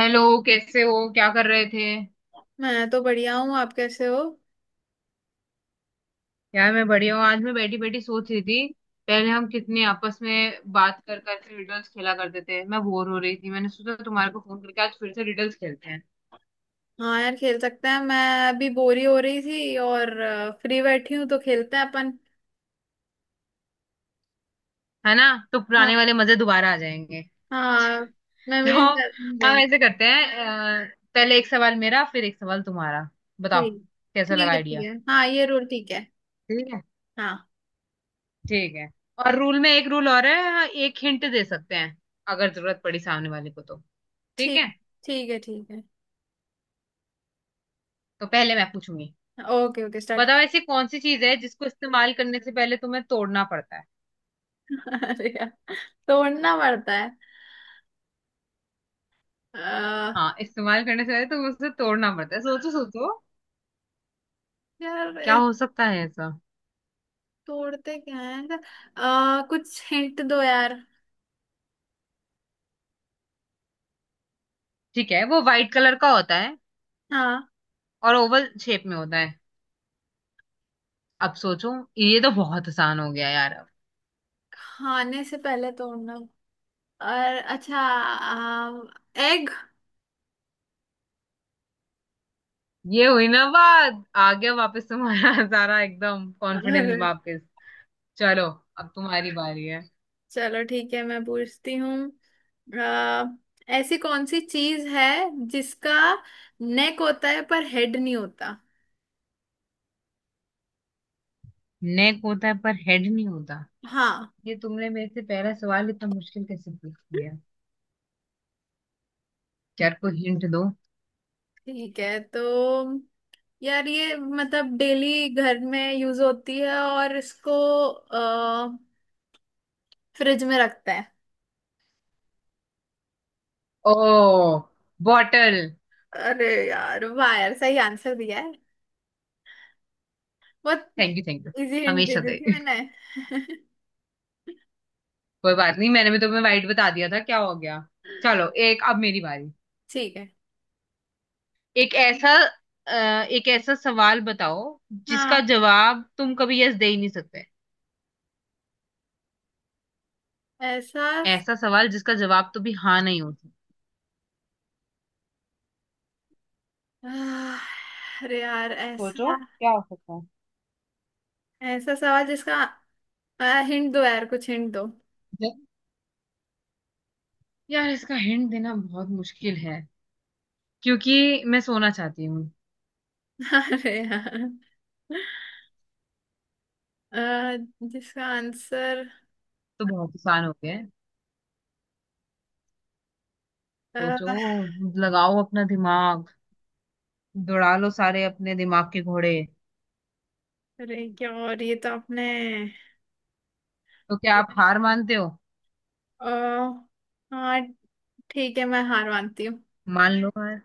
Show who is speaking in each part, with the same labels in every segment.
Speaker 1: Hello. कैसे हो? क्या कर रहे थे?
Speaker 2: मैं तो बढ़िया हूँ। आप कैसे हो?
Speaker 1: यार, मैं बढ़िया हूँ। आज मैं बैठी बैठी सोच रही थी, पहले हम कितने आपस में बात कर कर रिडल्स खेला करते थे। मैं बोर हो रही थी, मैंने सोचा तुम्हारे को फोन करके आज फिर से रिडल्स खेलते हैं।
Speaker 2: हाँ यार, खेल सकते हैं। मैं अभी बोरी हो रही थी और फ्री बैठी हूँ तो खेलते हैं अपन।
Speaker 1: है ना? तो
Speaker 2: हाँ,
Speaker 1: पुराने वाले मजे दोबारा आ जाएंगे।
Speaker 2: हाँ,
Speaker 1: तो
Speaker 2: मेमोरीज
Speaker 1: हम
Speaker 2: जाएंगे।
Speaker 1: ऐसे करते हैं, पहले एक सवाल मेरा फिर एक सवाल तुम्हारा। बताओ,
Speaker 2: ठीक,
Speaker 1: कैसा
Speaker 2: ठीक
Speaker 1: लगा
Speaker 2: है, ठीक
Speaker 1: आइडिया?
Speaker 2: है, हाँ, ये रूल ठीक है।
Speaker 1: ठीक है।
Speaker 2: हाँ।
Speaker 1: ठीक है। और रूल में एक रूल और है, हाँ, एक हिंट दे सकते हैं अगर जरूरत पड़ी सामने वाले को तो। ठीक
Speaker 2: ठीक,
Speaker 1: है।
Speaker 2: ठीक है, ठीक है।
Speaker 1: तो पहले मैं पूछूंगी।
Speaker 2: Okay, okay, start.
Speaker 1: बताओ, ऐसी कौन सी चीज है जिसको इस्तेमाल करने से पहले तुम्हें तोड़ना पड़ता है?
Speaker 2: अरे यार, तोड़ना पड़ता है। आ,
Speaker 1: हाँ, इस्तेमाल करने से पहले तुम्हें उसे तोड़ना पड़ता है। सोचो सोचो,
Speaker 2: यार,
Speaker 1: क्या हो सकता है ऐसा?
Speaker 2: तोड़ते क्या है। कुछ हिंट दो यार।
Speaker 1: ठीक है, वो व्हाइट कलर का होता है
Speaker 2: हाँ।
Speaker 1: और ओवल शेप में होता है। अब सोचो, ये तो बहुत आसान हो गया यार अब।
Speaker 2: खाने से पहले तोड़ना। और अच्छा, एग।
Speaker 1: ये हुई ना बात, आ गया वापस तुम्हारा सारा एकदम कॉन्फिडेंस
Speaker 2: अरे।
Speaker 1: वापस। चलो, अब तुम्हारी बारी है।
Speaker 2: चलो ठीक है, मैं पूछती हूँ। आ, ऐसी कौन सी चीज है जिसका नेक होता है पर हेड नहीं होता।
Speaker 1: नेक होता है पर हेड नहीं होता?
Speaker 2: हाँ।
Speaker 1: ये तुमने मेरे से पहला सवाल इतना मुश्किल कैसे पूछ लिया? यार, कोई हिंट दो।
Speaker 2: ठीक है तो यार, ये मतलब डेली घर में यूज होती है और इसको आ, फ्रिज में रखते हैं।
Speaker 1: ओ, बॉटल।
Speaker 2: अरे यार, वाह यार, सही आंसर दिया है। बहुत
Speaker 1: thank you, thank you.
Speaker 2: Easy hint दे
Speaker 1: हमेशा
Speaker 2: दी
Speaker 1: से।
Speaker 2: थी मैंने।
Speaker 1: कोई बात नहीं, मैंने भी तुम्हें वाइट बता दिया था, क्या हो गया। चलो, एक अब मेरी बारी।
Speaker 2: ठीक है।
Speaker 1: एक ऐसा एक ऐसा सवाल बताओ जिसका
Speaker 2: हाँ।
Speaker 1: जवाब तुम कभी यस दे ही नहीं सकते।
Speaker 2: ऐसा।
Speaker 1: ऐसा सवाल जिसका जवाब तो भी हाँ नहीं हो सकता।
Speaker 2: आह, अरे यार,
Speaker 1: सोचो
Speaker 2: ऐसा।
Speaker 1: क्या हो सकता है।
Speaker 2: ऐसा सवाल जिसका। हिंट दो यार, कुछ हिंट दो।
Speaker 1: ज- यार, इसका हिंट देना बहुत मुश्किल है क्योंकि मैं सोना चाहती हूँ,
Speaker 2: अरे यार। अ, जिसका आंसर।
Speaker 1: तो बहुत आसान हो गया है।
Speaker 2: अ,
Speaker 1: सोचो, लगाओ अपना दिमाग, दौड़ा लो सारे अपने दिमाग के घोड़े।
Speaker 2: अरे क्या, और ये तो आपने।
Speaker 1: तो क्या आप हार मानते हो?
Speaker 2: अ, हाँ। ठीक है, मैं हार मानती हूँ।
Speaker 1: मान लो हार।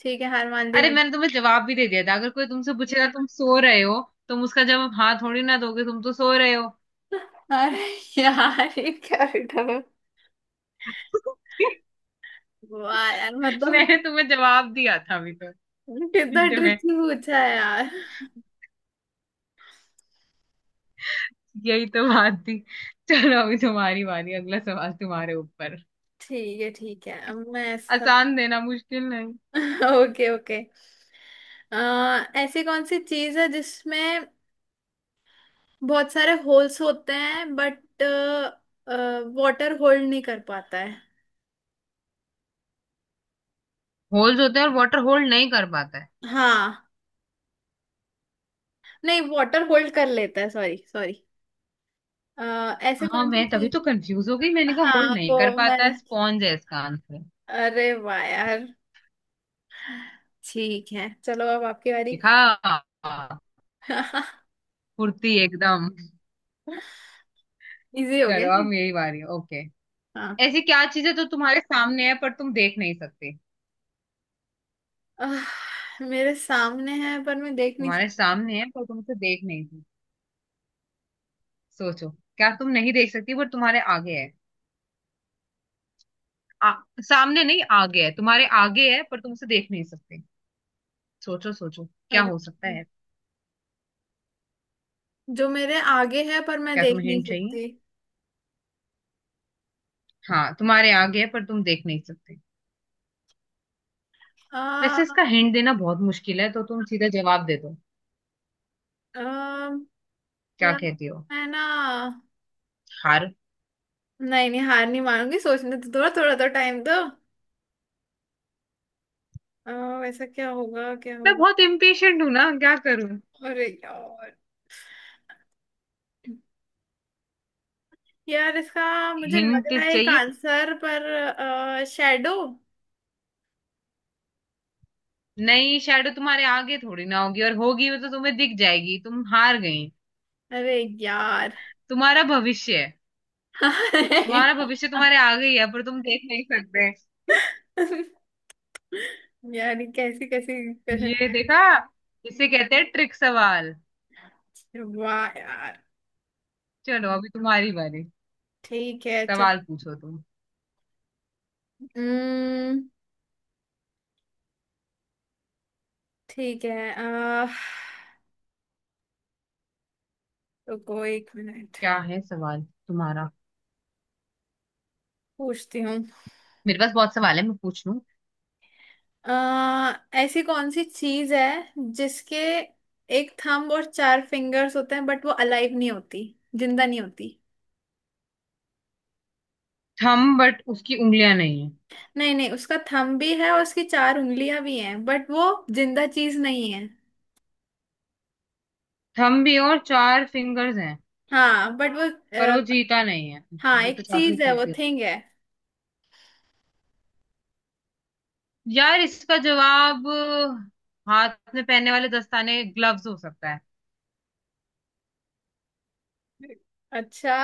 Speaker 2: ठीक है, हार मान ली
Speaker 1: अरे,
Speaker 2: मैंने।
Speaker 1: मैंने तुम्हें जवाब भी दे दिया था, अगर कोई तुमसे पूछेगा तुम सो रहे हो, तुम उसका जवाब हाँ थोड़ी ना दोगे, तुम तो सो रहे हो।
Speaker 2: अरे। यार ये क्या रिटर्न है? वाह यार, मतलब।
Speaker 1: मैंने तुम्हें जवाब दिया था अभी तो,
Speaker 2: कितना
Speaker 1: हिंट में।
Speaker 2: ट्रिकी पूछा है यार।
Speaker 1: यही तो बात थी। चलो, अभी तुम्हारी बारी, अगला सवाल तुम्हारे ऊपर।
Speaker 2: ठीक है, ठीक है, अब मैं ऐसा।
Speaker 1: आसान देना, मुश्किल नहीं।
Speaker 2: Okay, okay. अ, ऐसी कौन सी चीज है जिसमें बहुत सारे होल्स होते हैं बट वाटर होल्ड नहीं कर पाता है।
Speaker 1: होल्स होते हैं और वाटर होल्ड नहीं कर पाता है?
Speaker 2: हाँ। नहीं, वाटर होल्ड कर लेता है, सॉरी, सॉरी। ऐसे
Speaker 1: हाँ,
Speaker 2: कौन सी
Speaker 1: मैं तभी
Speaker 2: थी।
Speaker 1: तो कंफ्यूज हो गई, मैंने कहा होल्ड
Speaker 2: हाँ
Speaker 1: नहीं कर
Speaker 2: वो मैं।
Speaker 1: पाता है। स्पॉन्ज है इसका आंसर।
Speaker 2: अरे वाह यार। ठीक है, चलो अब आपकी बारी।
Speaker 1: देखा? फुर्ती एकदम।
Speaker 2: इजी हो गया
Speaker 1: चलो,
Speaker 2: है।
Speaker 1: अब यही बारी है। ओके।
Speaker 2: हाँ।
Speaker 1: ऐसी क्या चीजें तो तुम्हारे सामने है पर तुम देख नहीं सकते?
Speaker 2: मेरे सामने है पर मैं देख नहीं
Speaker 1: तुम्हारे
Speaker 2: सकती।
Speaker 1: सामने है पर तुम उसे देख नहीं सकते। सोचो, क्या तुम नहीं देख सकती पर तुम्हारे आगे है? आ, सामने नहीं, आगे है, तुम्हारे आगे है पर तुम उसे देख नहीं सकते। सोचो सोचो, क्या
Speaker 2: अरे।
Speaker 1: हो सकता है।
Speaker 2: जो मेरे आगे है पर मैं
Speaker 1: क्या
Speaker 2: देख
Speaker 1: तुम्हें
Speaker 2: नहीं
Speaker 1: हिंट चाहिए?
Speaker 2: सकती।
Speaker 1: हाँ, तुम्हारे आगे है पर तुम देख नहीं सकते।
Speaker 2: आ,
Speaker 1: वैसे इसका हिंट देना बहुत मुश्किल है, तो तुम सीधा जवाब दे दो।
Speaker 2: आ,
Speaker 1: क्या
Speaker 2: यार
Speaker 1: कहती हो?
Speaker 2: मैं ना।
Speaker 1: हार।
Speaker 2: नहीं, नहीं, हार नहीं मानूंगी, सोचने तो थोड़ा थोड़ा तो टाइम दो। अ, वैसा क्या होगा, क्या
Speaker 1: मैं
Speaker 2: होगा।
Speaker 1: बहुत इम्पेशेंट हूं ना, क्या करूं।
Speaker 2: अरे यार। यार इसका मुझे लग
Speaker 1: हिंट
Speaker 2: रहा है, एक
Speaker 1: चाहिए?
Speaker 2: आंसर पर शैडो।
Speaker 1: नहीं, शैडो तुम्हारे आगे थोड़ी ना होगी, और होगी वो तो तुम्हें दिख जाएगी। तुम हार गई।
Speaker 2: अरे यार।
Speaker 1: तुम्हारा भविष्य है। तुम्हारा भविष्य तुम्हारे आगे ही है पर तुम देख नहीं सकते।
Speaker 2: यार ये कैसी कैसी, कैसे।
Speaker 1: ये देखा? इसे कहते हैं ट्रिक सवाल।
Speaker 2: वाह यार।
Speaker 1: चलो, अभी तुम्हारी बारी।
Speaker 2: ठीक है चल।
Speaker 1: सवाल पूछो तुम।
Speaker 2: हम्म। ठीक है, रुको एक मिनट।
Speaker 1: क्या है सवाल तुम्हारा?
Speaker 2: पूछती हूँ।
Speaker 1: मेरे पास बहुत सवाल है, मैं पूछ लूं।
Speaker 2: आ, ऐसी कौन सी चीज है जिसके एक थंब और चार फिंगर्स होते हैं बट वो अलाइव नहीं होती, जिंदा नहीं होती।
Speaker 1: थम बट उसकी उंगलियां नहीं है?
Speaker 2: नहीं, नहीं, उसका थंब भी है और उसकी चार उंगलियां भी हैं बट वो जिंदा चीज नहीं है।
Speaker 1: थम भी और चार फिंगर्स हैं
Speaker 2: हाँ बट वो।
Speaker 1: पर वो
Speaker 2: अ,
Speaker 1: जीता नहीं है? अच्छा,
Speaker 2: हाँ,
Speaker 1: ये तो
Speaker 2: एक
Speaker 1: काफी
Speaker 2: चीज है, वो
Speaker 1: ट्रिक।
Speaker 2: थिंग है।
Speaker 1: यार, इसका जवाब हाथ में पहनने वाले दस्ताने, ग्लव्स हो सकता है।
Speaker 2: अच्छा।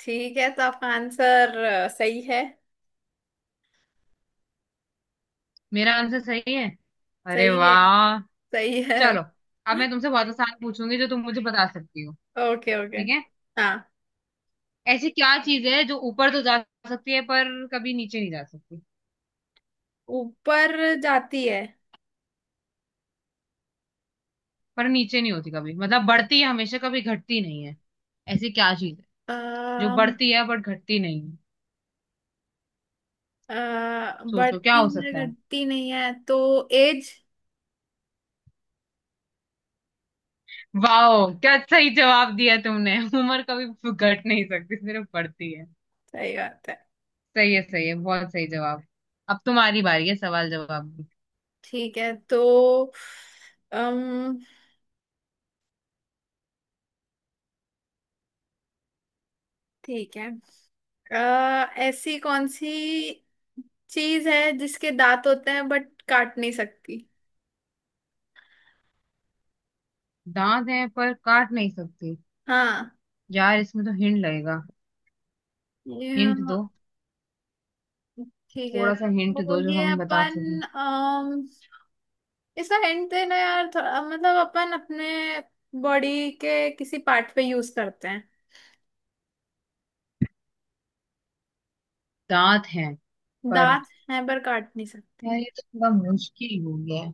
Speaker 2: ठीक है, तो आपका आंसर सही है।
Speaker 1: मेरा आंसर सही है? अरे
Speaker 2: सही है।
Speaker 1: वाह।
Speaker 2: सही है।
Speaker 1: चलो, अब मैं तुमसे बहुत आसान पूछूंगी जो तुम मुझे बता सकती हो।
Speaker 2: Okay, okay.
Speaker 1: ठीक है।
Speaker 2: हाँ।
Speaker 1: ऐसी क्या चीज है जो ऊपर तो जा सकती है पर कभी नीचे नहीं जा सकती,
Speaker 2: ऊपर जाती है।
Speaker 1: पर नीचे नहीं होती कभी, मतलब बढ़ती है हमेशा, कभी घटती नहीं है। ऐसी क्या चीज है
Speaker 2: अ,
Speaker 1: जो बढ़ती है बट घटती नहीं है? सोचो क्या
Speaker 2: बढ़ती
Speaker 1: हो
Speaker 2: है
Speaker 1: सकता है।
Speaker 2: घटती नहीं है, तो एज।
Speaker 1: वाह, क्या सही जवाब दिया तुमने उम्र कभी घट नहीं सकती, सिर्फ बढ़ती है।
Speaker 2: सही बात है।
Speaker 1: सही है, सही है, बहुत सही जवाब। अब तुम्हारी बारी है सवाल जवाब की।
Speaker 2: ठीक है तो। अम ठीक है। ऐसी कौन सी चीज है जिसके दांत होते हैं बट काट नहीं सकती।
Speaker 1: दांत हैं पर काट नहीं सकती?
Speaker 2: हाँ।
Speaker 1: यार इसमें तो हिंट लगेगा, हिंट
Speaker 2: ये-
Speaker 1: दो।
Speaker 2: ठीक है
Speaker 1: थोड़ा सा हिंट
Speaker 2: तो
Speaker 1: दो जो
Speaker 2: ये
Speaker 1: हम बता
Speaker 2: अपन।
Speaker 1: सकें।
Speaker 2: अम इसका हिंट देना यार थोड़ा, मतलब अपन अपने बॉडी के किसी पार्ट पे यूज करते हैं।
Speaker 1: दांत हैं पर?
Speaker 2: दांत हैं पर काट नहीं सकती।
Speaker 1: यार ये तो थोड़ा मुश्किल हो गया है।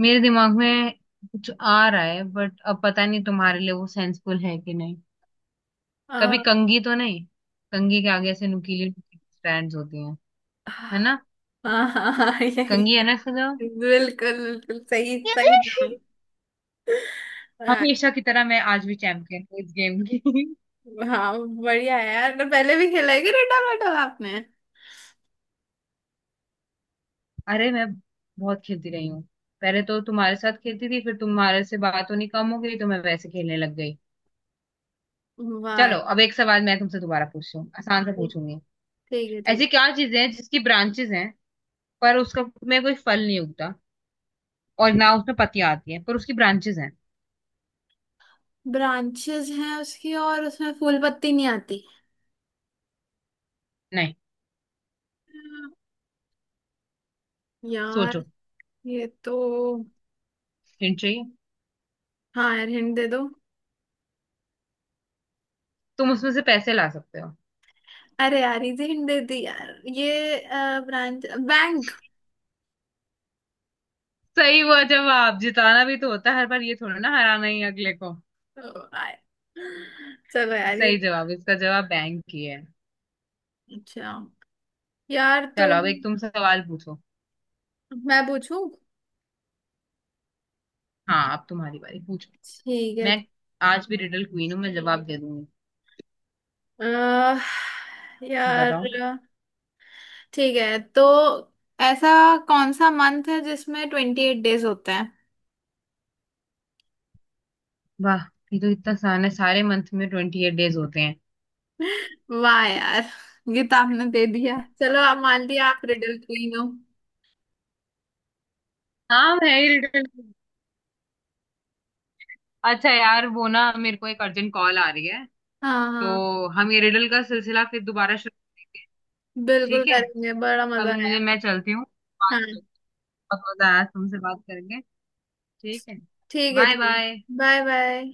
Speaker 1: मेरे दिमाग में कुछ आ रहा है बट अब पता नहीं तुम्हारे लिए वो सेंसफुल है कि नहीं। कभी
Speaker 2: आ,
Speaker 1: कंघी तो नहीं? कंघी के आगे ऐसे नुकीली स्ट्रैंड्स होती हैं, है
Speaker 2: हाँ,
Speaker 1: ना?
Speaker 2: हाँ, हाँ, यही।
Speaker 1: कंघी है ना इसका जवाब?
Speaker 2: बिल्कुल, बिल्कुल सही, सही जवाब। हाँ।
Speaker 1: हमेशा की तरह मैं आज भी चैंपियन हूँ इस गेम की।
Speaker 2: हाँ, बढ़िया है यार, तो पहले भी खेला है क्या, डंडा बैठा आपने।
Speaker 1: अरे, मैं बहुत खेलती रही हूँ। पहले तो तुम्हारे साथ खेलती थी, फिर तुम्हारे से बात होनी कम हो गई तो मैं वैसे खेलने लग गई।
Speaker 2: वाह।
Speaker 1: चलो, अब एक सवाल मैं तुमसे दोबारा पूछती हूँ, आसान से
Speaker 2: ठीक,
Speaker 1: पूछूंगी।
Speaker 2: ठीक है,
Speaker 1: ऐसी
Speaker 2: ठीक।
Speaker 1: क्या चीजें हैं जिसकी ब्रांचेस हैं पर उसका में कोई फल नहीं उगता, और ना उसमें पत्तियां आती हैं पर उसकी ब्रांचेस हैं?
Speaker 2: ब्रांचेस हैं उसकी और उसमें फूल पत्ती नहीं आती।
Speaker 1: नहीं। सोचो।
Speaker 2: यार ये तो।
Speaker 1: हिंट चाहिए?
Speaker 2: हाँ यार, हिंट दे दो।
Speaker 1: तुम उसमें से पैसे ला सकते हो।
Speaker 2: अरे यार इजी हिंट दे दी यार, ये। ब्रांच। बैंक।
Speaker 1: सही हुआ जवाब। जिताना भी तो होता है हर बार, ये थोड़ा ना हराना ही अगले को।
Speaker 2: चलो यार ये।
Speaker 1: सही जवाब, इसका जवाब बैंक ही है।
Speaker 2: अच्छा। यार तो।
Speaker 1: चलो, अब एक तुम सवाल पूछो।
Speaker 2: मैं पूछूं।
Speaker 1: हाँ, अब तुम्हारी बारी, पूछो।
Speaker 2: ठीक है।
Speaker 1: मैं आज भी रिडल क्वीन हूँ, मैं जवाब दे दूंगी।
Speaker 2: अह, यार।
Speaker 1: बताओ।
Speaker 2: ठीक है तो। ऐसा कौन सा मंथ है जिसमें 28 डेज होते हैं?
Speaker 1: वाह, ये तो इतना आसान है, सारे मंथ में 28 डेज होते हैं।
Speaker 2: वाह यार। ये तो आपने दे दिया, चलो आप मान लिया, आप रिडल क्वीन हो।
Speaker 1: हाँ, मैं ही रिडल। अच्छा यार, वो ना मेरे को एक अर्जेंट कॉल आ रही है,
Speaker 2: हाँ, हाँ।
Speaker 1: तो हम ये रिडल का सिलसिला फिर दोबारा शुरू करेंगे।
Speaker 2: बिल्कुल
Speaker 1: ठीक है।
Speaker 2: करेंगे, बड़ा मजा
Speaker 1: अभी मुझे,
Speaker 2: आया।
Speaker 1: मैं चलती हूँ। बात,
Speaker 2: हाँ।
Speaker 1: बहुत मजा आया, तुमसे बात करेंगे। ठीक है।
Speaker 2: ठीक है,
Speaker 1: बाय
Speaker 2: ठीक है।
Speaker 1: बाय।
Speaker 2: Bye bye.